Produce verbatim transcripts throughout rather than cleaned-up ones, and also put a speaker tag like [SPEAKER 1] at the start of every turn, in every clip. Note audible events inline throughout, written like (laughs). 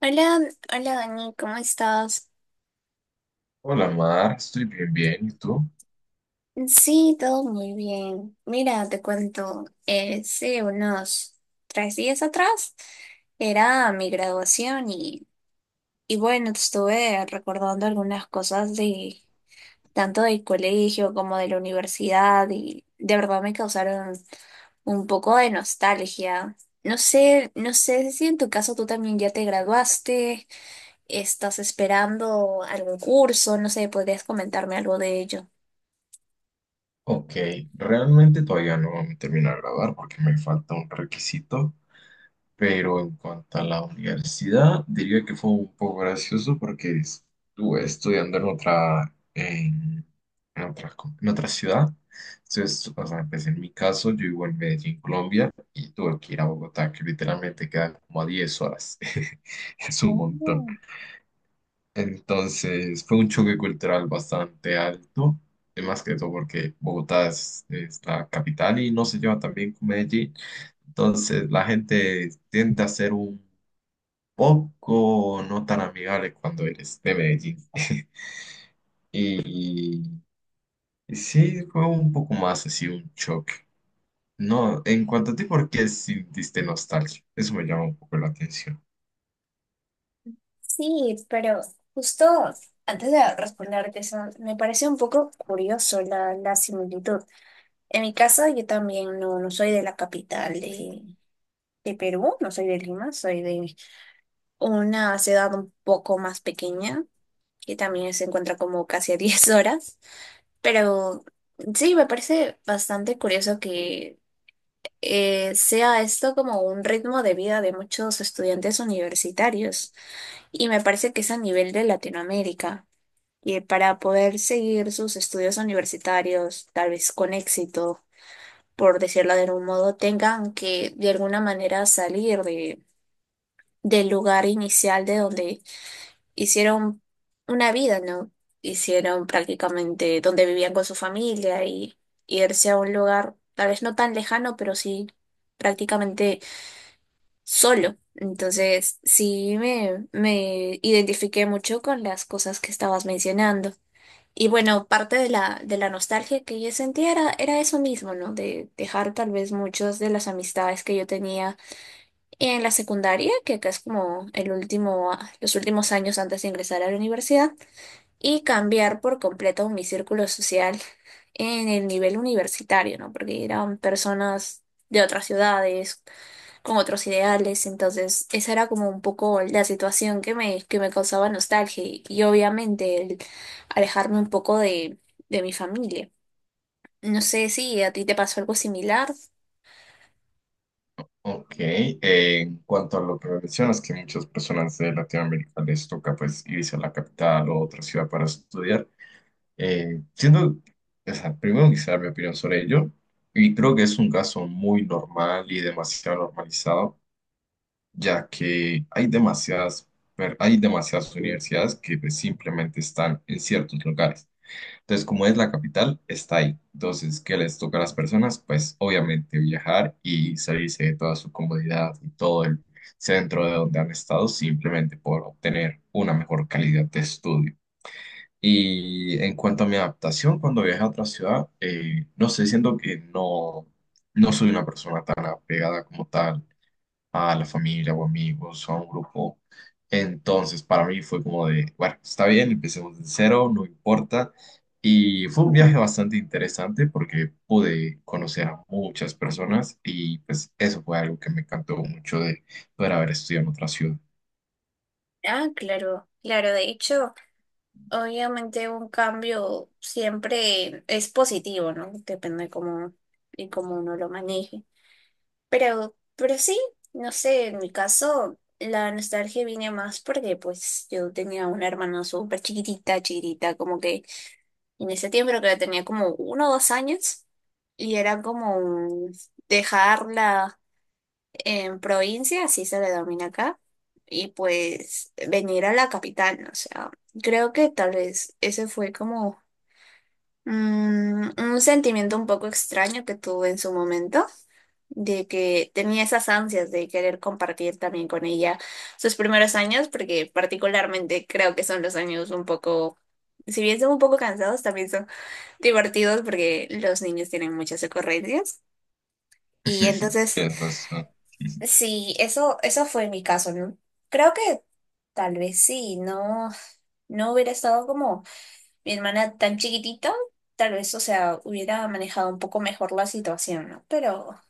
[SPEAKER 1] Hola, hola Dani, ¿cómo estás?
[SPEAKER 2] Hola Mar, estoy bien, bien, ¿y tú?
[SPEAKER 1] Sí, todo muy bien. Mira, te cuento, eh, sí, unos tres días atrás era mi graduación y, y bueno, estuve recordando algunas cosas de tanto del colegio como de la universidad y de verdad me causaron un poco de nostalgia. No sé, no sé si en tu caso tú también ya te graduaste. ¿Estás esperando algún curso? No sé, ¿podrías comentarme algo de ello?
[SPEAKER 2] Ok, realmente todavía no me termino de grabar porque me falta un requisito, pero en cuanto a la universidad, diría que fue un poco gracioso porque estuve estudiando en otra, en, en otra, co- en otra ciudad. Entonces, o sea, pues en mi caso, yo vivo en Medellín, Colombia, y tuve que ir a Bogotá, que literalmente queda como a diez horas. (laughs) Es un montón.
[SPEAKER 1] Oh,
[SPEAKER 2] Entonces fue un choque cultural bastante alto, y más que todo porque Bogotá es, es la capital y no se lleva tan bien con Medellín. Entonces la gente tiende a ser un poco no tan amigable cuando eres de Medellín. (laughs) Y y sí, fue un poco más así un choque. No, en cuanto a ti, ¿por qué sintiste nostalgia? Eso me llama un poco la atención.
[SPEAKER 1] sí, pero justo antes de responderte eso, me parece un poco curioso la, la similitud. En mi caso, yo también no, no soy de la capital de, de Perú, no soy de Lima, soy de una ciudad un poco más pequeña, que también se encuentra como casi a (laughs) diez horas. Pero sí, me parece bastante curioso que eh, sea esto como un ritmo de vida de muchos estudiantes universitarios y me parece que es a nivel de Latinoamérica y para poder seguir sus estudios universitarios, tal vez con éxito, por decirlo de algún modo, tengan que de alguna manera salir de, del lugar inicial de donde hicieron una vida, ¿no? Hicieron prácticamente donde vivían con su familia y irse a un lugar tal vez no tan lejano, pero sí prácticamente solo. Entonces, sí me, me identifiqué mucho con las cosas que estabas mencionando. Y bueno, parte de la, de la nostalgia que yo sentía era, era eso mismo, ¿no? De dejar tal vez muchas de las amistades que yo tenía en la secundaria, que acá es como el último, a- los últimos años antes de ingresar a la universidad, y cambiar por completo mi círculo social en el nivel universitario, ¿no? Porque eran personas de otras ciudades con otros ideales, entonces esa era como un poco la situación que me, que me causaba nostalgia y, y obviamente el alejarme un poco de, de mi familia. No sé si a ti te pasó algo similar.
[SPEAKER 2] Ok, eh, en cuanto a lo que mencionas, que muchas personas de Latinoamérica les toca pues irse a la capital o otra ciudad para estudiar, eh, siendo, o sea, primero quisiera dar mi opinión sobre ello, y creo que es un caso muy normal y demasiado normalizado, ya que hay demasiadas, per- hay demasiadas universidades que pues, simplemente están en ciertos lugares. Entonces, como es la capital, está ahí. Entonces, ¿qué les toca a las personas? Pues obviamente viajar y salirse de toda su comodidad y todo el centro de donde han estado simplemente por obtener una mejor calidad de estudio. Y en cuanto a mi adaptación, cuando viajé a otra ciudad, eh, no sé, siento que no, no soy una persona tan apegada como tal a la familia o amigos o a un grupo. Entonces, para mí fue como de, bueno, está bien, empecemos de cero, no importa. Y fue un
[SPEAKER 1] Ujú.
[SPEAKER 2] viaje bastante interesante porque pude conocer a muchas personas y pues eso fue algo que me encantó mucho de poder haber estudiado en otra ciudad.
[SPEAKER 1] Ah, claro, claro. De hecho, obviamente un cambio siempre es positivo, ¿no? Depende de cómo, y cómo uno lo maneje. Pero, pero sí, no sé, en mi caso la nostalgia viene más porque pues yo tenía una hermana súper chiquitita, chiquitita, como que en ese tiempo creo que la tenía como uno o dos años y era como un dejarla en provincia, así se le denomina acá, y pues venir a la capital, ¿no? O sea, creo que tal vez ese fue como mm, un sentimiento un poco extraño que tuve en su momento de que tenía esas ansias de querer compartir también con ella sus primeros años, porque particularmente creo que son los años un poco, si bien son un poco cansados, también son divertidos porque los niños tienen muchas ocurrencias. Y
[SPEAKER 2] (laughs)
[SPEAKER 1] entonces,
[SPEAKER 2] Tienes razón.
[SPEAKER 1] sí, eso, eso fue mi caso, ¿no? Creo que tal vez sí, no, no hubiera estado como mi hermana tan chiquitita, tal vez, o sea, hubiera manejado un poco mejor la situación, ¿no? Pero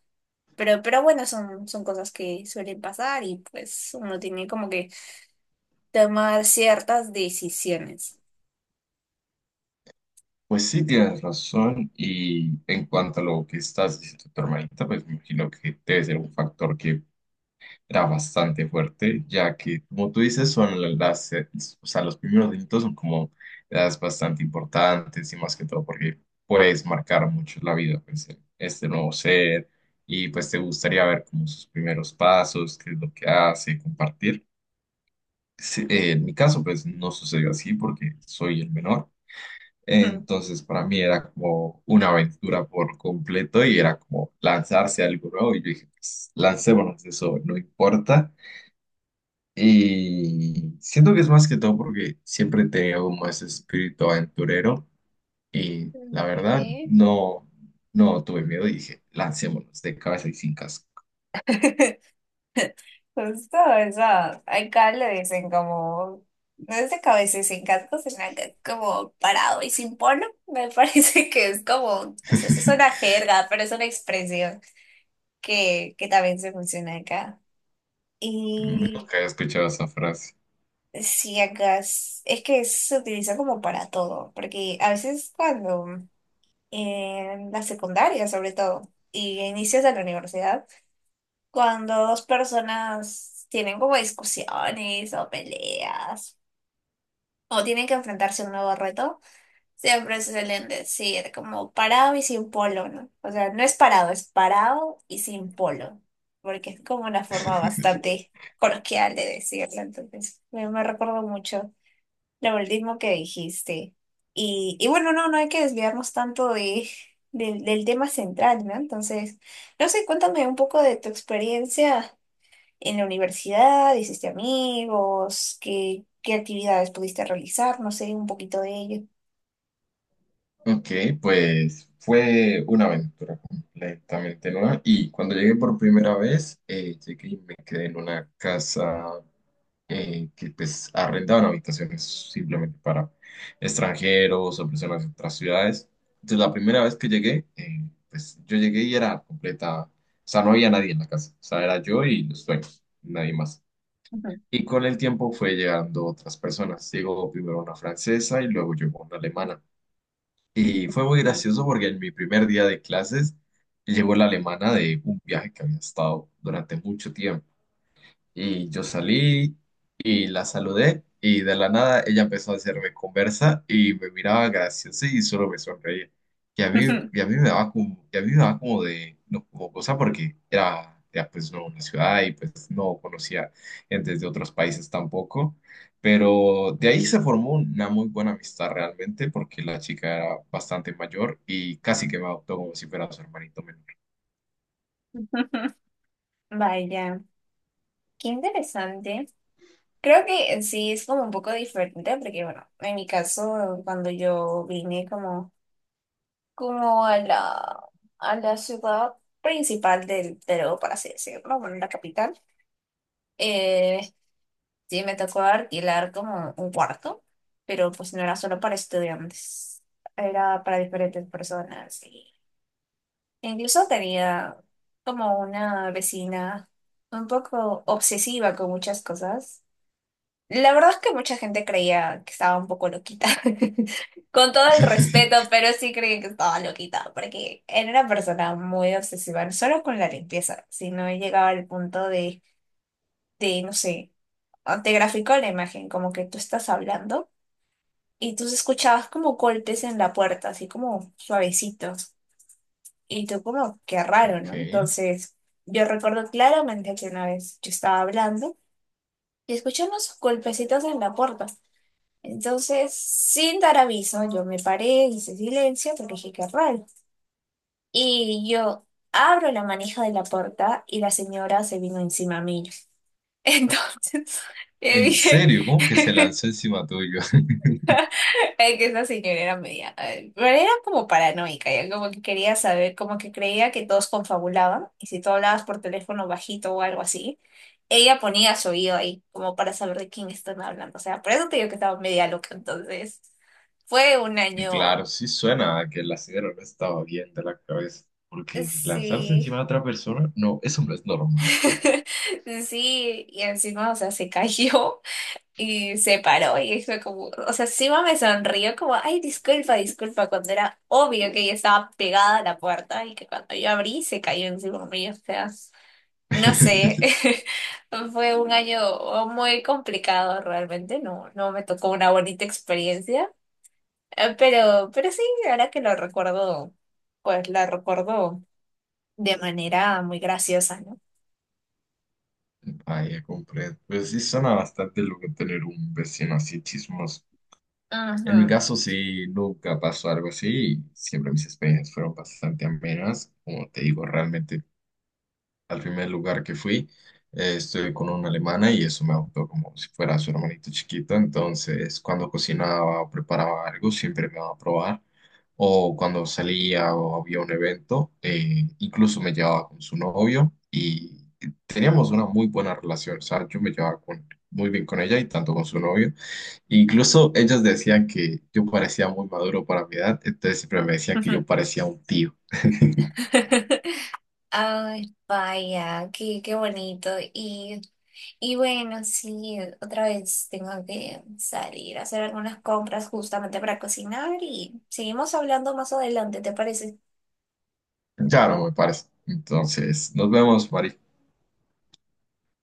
[SPEAKER 1] Pero, pero bueno, son, son cosas que suelen pasar y pues uno tiene como que tomar ciertas decisiones.
[SPEAKER 2] Pues sí, tienes razón. Y en cuanto a lo que estás diciendo tu hermanita, pues me imagino que debe ser un factor que era bastante fuerte, ya que, como tú dices, son la- las, eh, o sea, los primeros delitos son como las bastante importantes y más que todo porque puedes marcar mucho la vida, pues, eh, este nuevo ser y pues te gustaría ver como sus primeros pasos, qué es lo que hace, compartir. Sí, eh, en mi caso, pues, no sucedió así porque soy el menor.
[SPEAKER 1] Ujú.
[SPEAKER 2] Entonces, para mí era como una aventura por completo y era como lanzarse a algo nuevo. Y yo dije, pues, lancémonos, eso no importa. Y siento que es más que todo porque siempre te veo como ese espíritu aventurero y la verdad
[SPEAKER 1] Ok.
[SPEAKER 2] no, no tuve miedo y dije, lancémonos de cabeza y sin casco.
[SPEAKER 1] (laughs) Justo eso. Acá le dicen como, no es de cabeza y sin casco, sino que es como parado y sin polo. Me (laughs) parece que es como, no sé si es una
[SPEAKER 2] (laughs)
[SPEAKER 1] jerga, pero es una expresión que, que también se funciona acá. Y
[SPEAKER 2] Nunca he escuchado esa frase.
[SPEAKER 1] sí, acá es, es que se utiliza como para todo, porque a veces cuando en la secundaria sobre todo y a inicios de la universidad, cuando dos personas tienen como discusiones o peleas o tienen que enfrentarse a un nuevo reto, siempre suelen decir como parado y sin polo, ¿no? O sea, no es parado, es parado y sin polo, porque es como una forma
[SPEAKER 2] (laughs)
[SPEAKER 1] bastante coloquial de decirlo, entonces me, me recuerdo mucho. Lo último que dijiste. Y, y bueno, no, no hay que desviarnos tanto de, del del tema central, ¿no? Entonces, no sé, cuéntame un poco de tu experiencia en la universidad, hiciste amigos, qué, qué actividades pudiste realizar, no sé, un poquito de ello.
[SPEAKER 2] Ok, pues fue una aventura completamente nueva y cuando llegué por primera vez, eh, llegué y me quedé en una casa eh, que pues arrendaban habitaciones simplemente para extranjeros o personas de otras ciudades. Entonces la primera vez que llegué, eh, pues yo llegué y era completa, o sea, no había nadie en la casa, o sea, era yo y los dueños, nadie más. Y con el tiempo fue llegando otras personas. Llegó primero una francesa y luego llegó una alemana. Y fue muy gracioso porque en mi primer día de clases llegó la alemana de un viaje que había estado durante mucho tiempo. Y yo salí y la saludé y de la nada ella empezó a hacerme conversa y me miraba graciosa y solo me sonreía. Y a mí,
[SPEAKER 1] Ujú.
[SPEAKER 2] y a mí me daba como, y a mí me daba como de, no, como cosa porque era, era pues no una ciudad y pues no conocía gente de otros países tampoco. Pero de ahí se formó una muy buena amistad realmente porque la chica era bastante mayor y casi que me adoptó como si fuera su hermanito menor.
[SPEAKER 1] (laughs) Vaya, qué interesante. Creo que en sí es como un poco diferente porque, bueno, en mi caso, cuando yo vine como como a la, a la ciudad principal del Perú, por así decirlo, bueno, la capital. Eh, sí, me tocó alquilar como un cuarto, pero pues no era solo para estudiantes, era para diferentes personas. Y incluso tenía como una vecina un poco obsesiva con muchas cosas. La verdad es que mucha gente creía que estaba un poco loquita, (laughs) con todo el respeto,
[SPEAKER 2] (laughs)
[SPEAKER 1] pero sí creían que estaba loquita, porque era una persona muy obsesiva, no solo con la limpieza, sino llegaba al punto de, de, no sé, ah, te graficó la imagen, como que tú estás hablando y tú escuchabas como golpes en la puerta, así como suavecitos, y tú como, qué raro, ¿no?
[SPEAKER 2] Ok.
[SPEAKER 1] Entonces, yo recuerdo claramente que una vez yo estaba hablando y escuchamos golpecitos en la puerta. Entonces, sin dar aviso, yo me paré, hice silencio, porque dije, qué raro. Y yo abro la manija de la puerta y la señora se vino encima mío. (laughs) Entonces, le
[SPEAKER 2] ¿En
[SPEAKER 1] dije
[SPEAKER 2] serio? ¿Cómo que se
[SPEAKER 1] (laughs)
[SPEAKER 2] lanzó encima tuyo? (laughs)
[SPEAKER 1] es que esa señora era media, eh, pero era como paranoica, ya como que quería saber, como que creía que todos confabulaban y si tú hablabas por teléfono bajito o algo así, ella ponía su oído ahí como para saber de quién están hablando. O sea, por eso te digo que estaba media loca, entonces fue un año.
[SPEAKER 2] Claro, sí suena a que el acero no estaba bien de la cabeza, porque lanzarse
[SPEAKER 1] Sí,
[SPEAKER 2] encima de otra persona, no, eso no es normal.
[SPEAKER 1] (laughs) sí, y encima, o sea, se cayó y se paró y fue como, o sea, encima me sonrió como, ay, disculpa, disculpa, cuando era obvio que ella estaba pegada a la puerta y que cuando yo abrí se cayó encima mío, o sea, no sé,
[SPEAKER 2] (laughs)
[SPEAKER 1] (laughs) fue un año muy complicado realmente, no, no me tocó una bonita experiencia, eh, pero, pero sí, ahora que lo recuerdo, pues la recuerdo de manera muy graciosa, ¿no?
[SPEAKER 2] Vaya, comprendo. Pero sí suena bastante lo que tener un vecino así chismoso. En mi
[SPEAKER 1] Ujú.
[SPEAKER 2] caso, sí, nunca pasó algo así. Siempre mis experiencias fueron bastante amenas. Como te digo, realmente al primer lugar que fui, eh, estuve con una alemana y eso me adoptó como si fuera su hermanito chiquito. Entonces, cuando cocinaba o preparaba algo, siempre me daba a probar. O cuando salía o había un evento, eh, incluso me llevaba con su novio y teníamos una muy buena relación. O sea, yo me llevaba con- muy bien con ella y tanto con su novio. Incluso ellos decían que yo parecía muy maduro para mi edad, entonces siempre me decían que
[SPEAKER 1] Ujú.
[SPEAKER 2] yo parecía un tío. (laughs)
[SPEAKER 1] (laughs) Ay, vaya, qué, qué bonito. Y, y bueno, sí, otra vez tengo que salir a hacer algunas compras justamente para cocinar y seguimos hablando más adelante, ¿te parece?
[SPEAKER 2] Claro, me parece. Entonces, nos vemos, Mari.